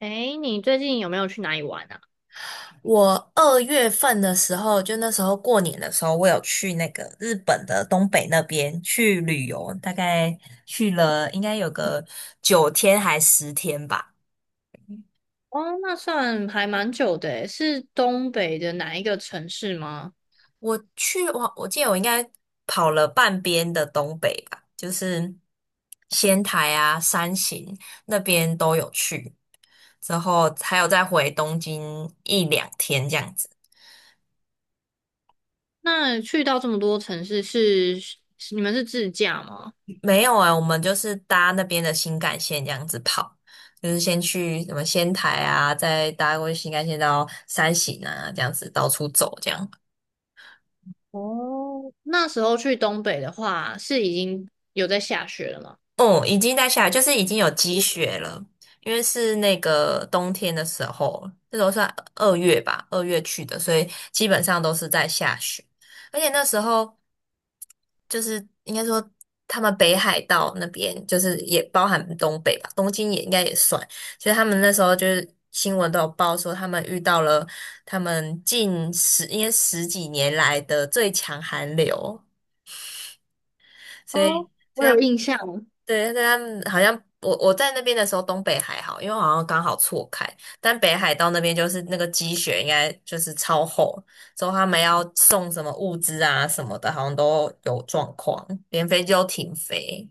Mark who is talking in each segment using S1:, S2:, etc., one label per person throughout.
S1: 哎，你最近有没有去哪里玩啊？
S2: 我二月份的时候，就那时候过年的时候，我有去那个日本的东北那边去旅游，大概去了应该有个九天还十天吧。
S1: 哦，那算还蛮久的诶，是东北的哪一个城市吗？
S2: 我记得我应该跑了半边的东北吧，就是仙台啊、山形那边都有去，之后还有再回东京一两天这样子。
S1: 那去到这么多城市是，是你们是自驾吗？
S2: 没有啊，我们就是搭那边的新干线这样子跑，就是先去什么仙台啊，再搭过去新干线到山形啊，这样子到处走这样。
S1: 哦，那时候去东北的话，是已经有在下雪了吗？
S2: 哦、已经在下来，就是已经有积雪了，因为是那个冬天的时候，那时候算二月吧，二月去的，所以基本上都是在下雪，而且那时候。就是应该说他们北海道那边就是也包含东北吧，东京也应该也算。所以他们那时候就是新闻都有报说，他们遇到了他们近十应该十几年来的最强寒流，所以
S1: 哦，
S2: 所
S1: 我
S2: 以
S1: 有
S2: 他
S1: 印象，
S2: 对，但是他们好像我在那边的时候，东北还好，因为好像刚好错开，但北海道那边就是那个积雪应该就是超厚，之后他们要送什么物资啊什么的，好像都有状况，连飞机都停飞。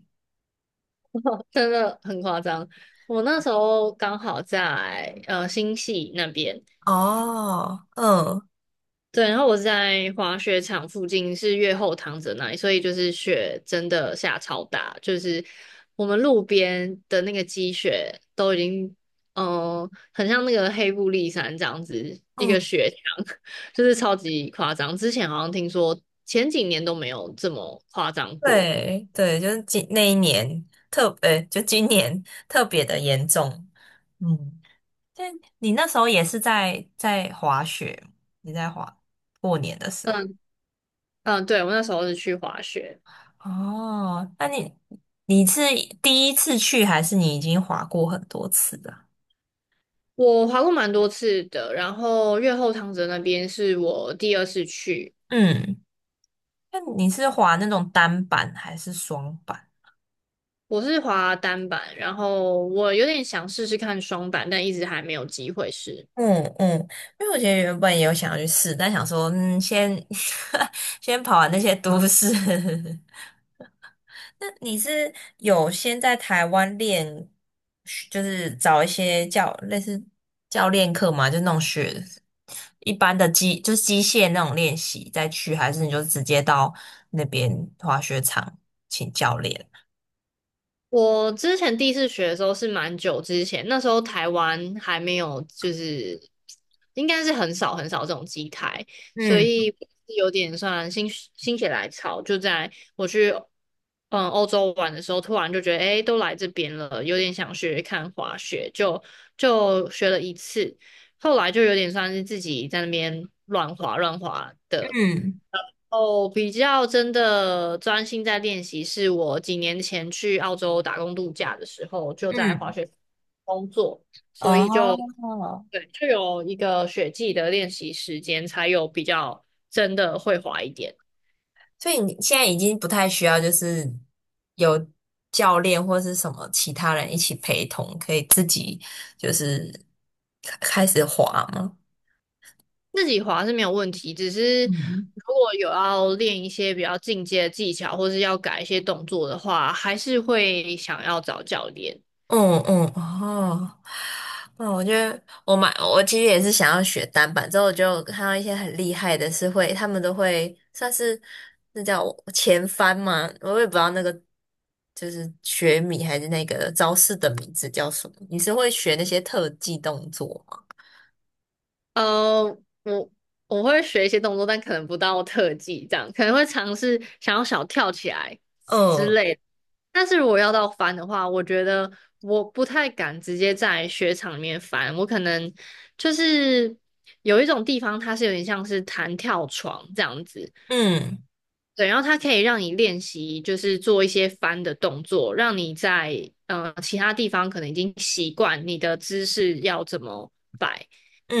S1: 真的很夸张。我那时候刚好在呃新系那边，
S2: 哦，嗯
S1: 对，然后我是在滑雪场附近，是越后堂泽那里，所以就是雪真的下超大，就是我们路边的那个积雪都已经，嗯，很像那个黑布利山这样子一
S2: 嗯，
S1: 个雪墙，就是超级夸张。之前好像听说前几年都没有这么夸张过。
S2: 对对，就是今那一年特，呃，就今年特别的严重。嗯，但你那时候也是在滑雪，你在滑过年的时候。
S1: 嗯嗯，对，我那时候是去滑雪，
S2: 哦，那你你是第一次去，还是你已经滑过很多次了？
S1: 我滑过蛮多次的，然后越后汤泽那边是我第二次去。
S2: 嗯，那你是滑那种单板还是双板？
S1: 我是滑单板，然后我有点想试试看双板，但一直还没有机会试。
S2: 嗯嗯，因为我觉得原本也有想要去试，但想说，嗯，先 先跑完那些都市。那你是有先在台湾练，就是找一些教类似教练课嘛？就那种学一般的机，就是机械那种练习再去，还是你就直接到那边滑雪场请教练？
S1: 我之前第一次学的时候是蛮久之前，那时候台湾还没有，就是应该是很少很少这种机台，所
S2: 嗯
S1: 以有点算心血来潮，就在我去嗯欧洲玩的时候，突然就觉得诶，都来这边了，有点想学看滑雪，就学了一次。后来就有点算是自己在那边乱滑乱滑的，
S2: 嗯
S1: 哦，比较真的专心在练习，是我几年前去澳洲打工度假的时候，就在滑
S2: 嗯，
S1: 雪工作，所以就
S2: 哦。
S1: 对，就有一个雪季的练习时间，才有比较真的会滑一点。
S2: 所以你现在已经不太需要，就是有教练或是什么其他人一起陪同，可以自己就是开开始滑吗？
S1: 自己滑是没有问题，只是
S2: 嗯，
S1: 如果有要练一些比较进阶的技巧，或是要改一些动作的话，还是会想要找教练。
S2: 嗯嗯哦，那我觉得我买，我其实也是想要学单板，之后我就看到一些很厉害的是会，他们都会算是那叫前翻嘛，我也不知道那个就是学米还是那个招式的名字叫什么。你是会学那些特技动作吗？
S1: 呃，我我会学一些动作，但可能不到特技这样，可能会尝试想要小跳起来之
S2: 嗯。
S1: 类的。但是如果要到翻的话，我觉得我不太敢直接在雪场里面翻，我可能就是有一种地方它是有点像是弹跳床这样子，
S2: 嗯
S1: 对，然后它可以让你练习，就是做一些翻的动作，让你在呃其他地方可能已经习惯你的姿势要怎么摆。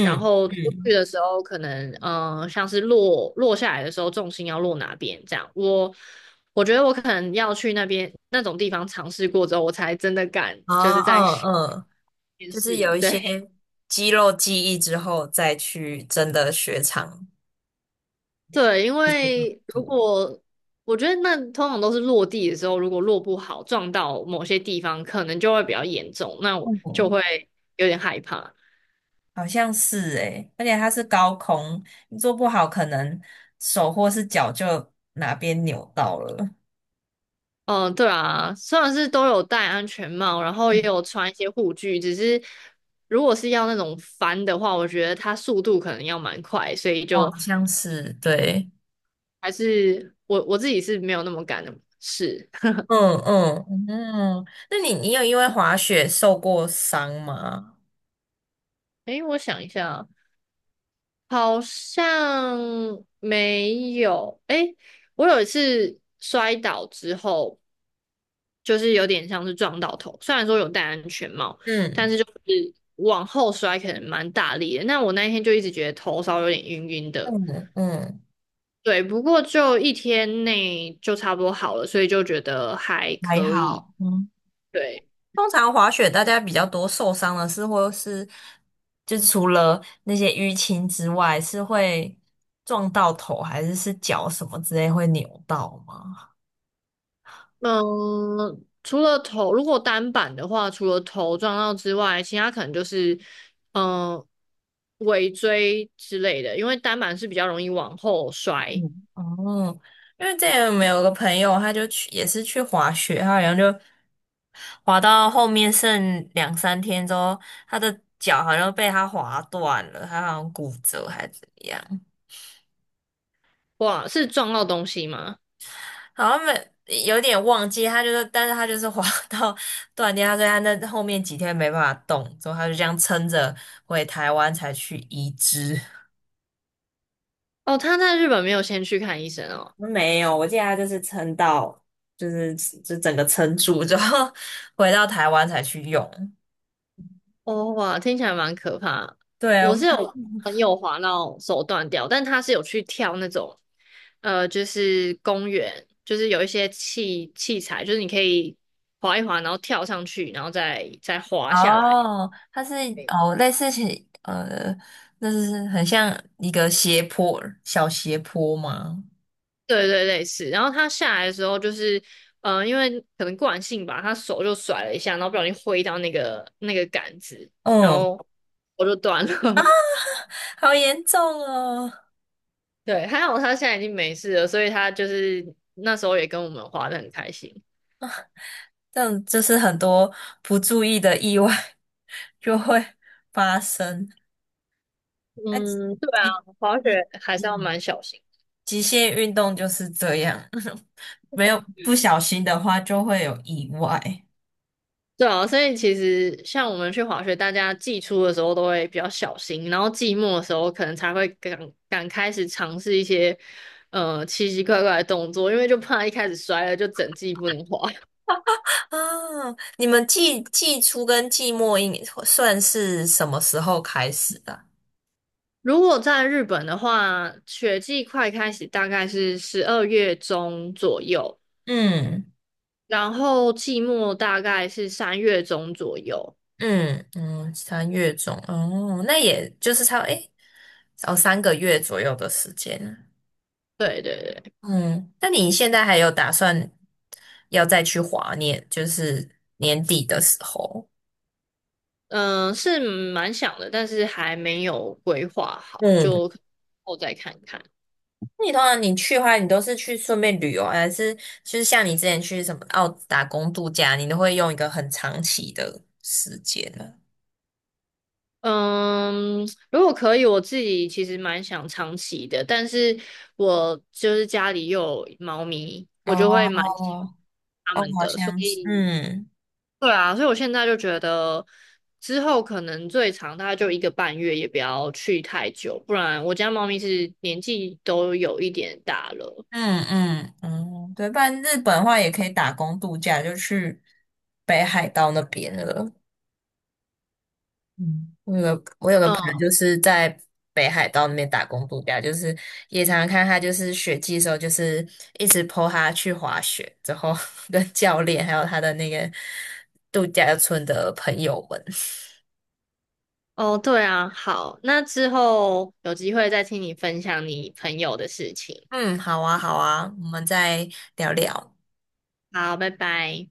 S1: 然后出
S2: 嗯，
S1: 去的时候，可能像是落下来的时候，重心要落哪边这样。我觉得我可能要去那边那种地方尝试过之后，我才真的敢
S2: 哦
S1: 就是在
S2: 哦
S1: 学
S2: 嗯，
S1: 面
S2: 就是
S1: 试。
S2: 有一些
S1: 对
S2: 肌肉记忆之后，再去真的雪场
S1: 对，因
S2: 这些动
S1: 为如
S2: 作
S1: 果我觉得那通常都是落地的时候，如果落不好撞到某些地方，可能就会比较严重，那我就
S2: 嗯，
S1: 会有点害怕。
S2: 好像是诶，而且它是高空，你做不好，可能手或是脚就哪边扭到了。
S1: 嗯，对啊，虽然是都有戴安全帽，然后
S2: 嗯，
S1: 也有穿一些护具，只是如果是要那种翻的话，我觉得它速度可能要蛮快，所以
S2: 哦，
S1: 就
S2: 好像是，对。
S1: 还是我自己是没有那么敢的试。
S2: 嗯嗯嗯，那你你有因为滑雪受过伤吗？
S1: 诶，我想一下啊，好像没有。诶，我有一次摔倒之后，就是有点像是撞到头，虽然说有戴安全帽，但
S2: 嗯
S1: 是就是往后摔可能蛮大力的。那我那一天就一直觉得头稍微有点晕晕的，
S2: 嗯嗯，
S1: 对，不过就一天内就差不多好了，所以就觉得还
S2: 还
S1: 可以。
S2: 好。嗯。
S1: 对，
S2: 通常滑雪大家比较多受伤的是，或是就是除了那些淤青之外，是会撞到头，还是是脚什么之类会扭到吗？
S1: 嗯，除了头，如果单板的话，除了头撞到之外，其他可能就是嗯尾椎之类的，因为单板是比较容易往后摔。
S2: 哦，因为之前我们有个朋友，他就去也是去滑雪，他好像就滑到后面剩两三天之后，他的脚好像被他滑断了，他好像骨折还是怎么样。
S1: 哇，是撞到东西吗？
S2: 好像没有点忘记，他就是，但是他就是滑 到断掉，他说他那后面几天没办法动，之后他就这样撑着回台湾才去移植。
S1: 哦，他在日本没有先去看医生哦。
S2: 没有，我记得他就是撑到，就是就整个撑住。之后 回到台湾才去用。
S1: 哦，哇，听起来蛮可怕。
S2: 对，我
S1: 我
S2: 们
S1: 是
S2: 想
S1: 有朋友滑到手断掉，但他是有去跳那种，呃，就是公园，就是有一些器材，就是你可以滑一滑，然后跳上去，然后再滑下来。
S2: 哦，它是哦，类似是呃，那是很像一个斜坡，小斜坡吗？
S1: 对对对，类似。然后他下来的时候，就是，呃，因为可能惯性吧，他手就甩了一下，然后不小心挥到那个杆子，然
S2: 嗯，
S1: 后我就断了。
S2: 好严重哦。
S1: 对，还好他现在已经没事了，所以他就是那时候也跟我们滑得很开心。
S2: 这样就是很多不注意的意外 就会发生。那
S1: 嗯，对啊，
S2: 极
S1: 滑
S2: 极
S1: 雪还是要
S2: 嗯
S1: 蛮小心。
S2: 极限运动就是这样，没有不小心的话就会有意外。
S1: 对啊，所以其实像我们去滑雪，大家季初的时候都会比较小心，然后季末的时候可能才会敢开始尝试一些呃奇奇怪怪的动作，因为就怕一开始摔了就整季不能滑。
S2: 啊，你们季初跟季末应算是什么时候开始的啊
S1: 如果在日本的话，雪季快开始大概是12月中左右。
S2: 嗯
S1: 然后季末大概是3月中左右。
S2: 嗯嗯，三月中哦，那也就是差不多诶，哦三个月左右的时间啊。
S1: 对对对，
S2: 嗯，那你现在还有打算要再去滑年，就是年底的时候？
S1: 嗯、是蛮想的，但是还没有规划好，
S2: 嗯，
S1: 就后再看看。
S2: 那你通常你去的话，你都是去顺便旅游，还是就是像你之前去什么澳打工度假，你都会用一个很长期的时间呢？
S1: 嗯，如果可以，我自己其实蛮想长期的，但是我就是家里又有猫咪，我就会
S2: 哦，
S1: 蛮喜欢它
S2: 哦，
S1: 们
S2: 好
S1: 的，所
S2: 像是，
S1: 以
S2: 嗯
S1: 对啊，所以我现在就觉得，之后可能最长大概就1个半月，也不要去太久，不然我家猫咪是年纪都有一点大了。
S2: 嗯嗯嗯，对，不然日本的话也可以打工度假，就去北海道那边了。嗯，我有个朋友
S1: 嗯，
S2: 就是在北海道那边打工度假，就是也常常看他就是雪季的时候，就是一直 po 他去滑雪，之后 跟教练还有他的那个度假村的朋友们。
S1: 哦，对啊，好，那之后有机会再听你分享你朋友的事情。
S2: 嗯，好啊，好啊，我们再聊聊。
S1: 好，拜拜。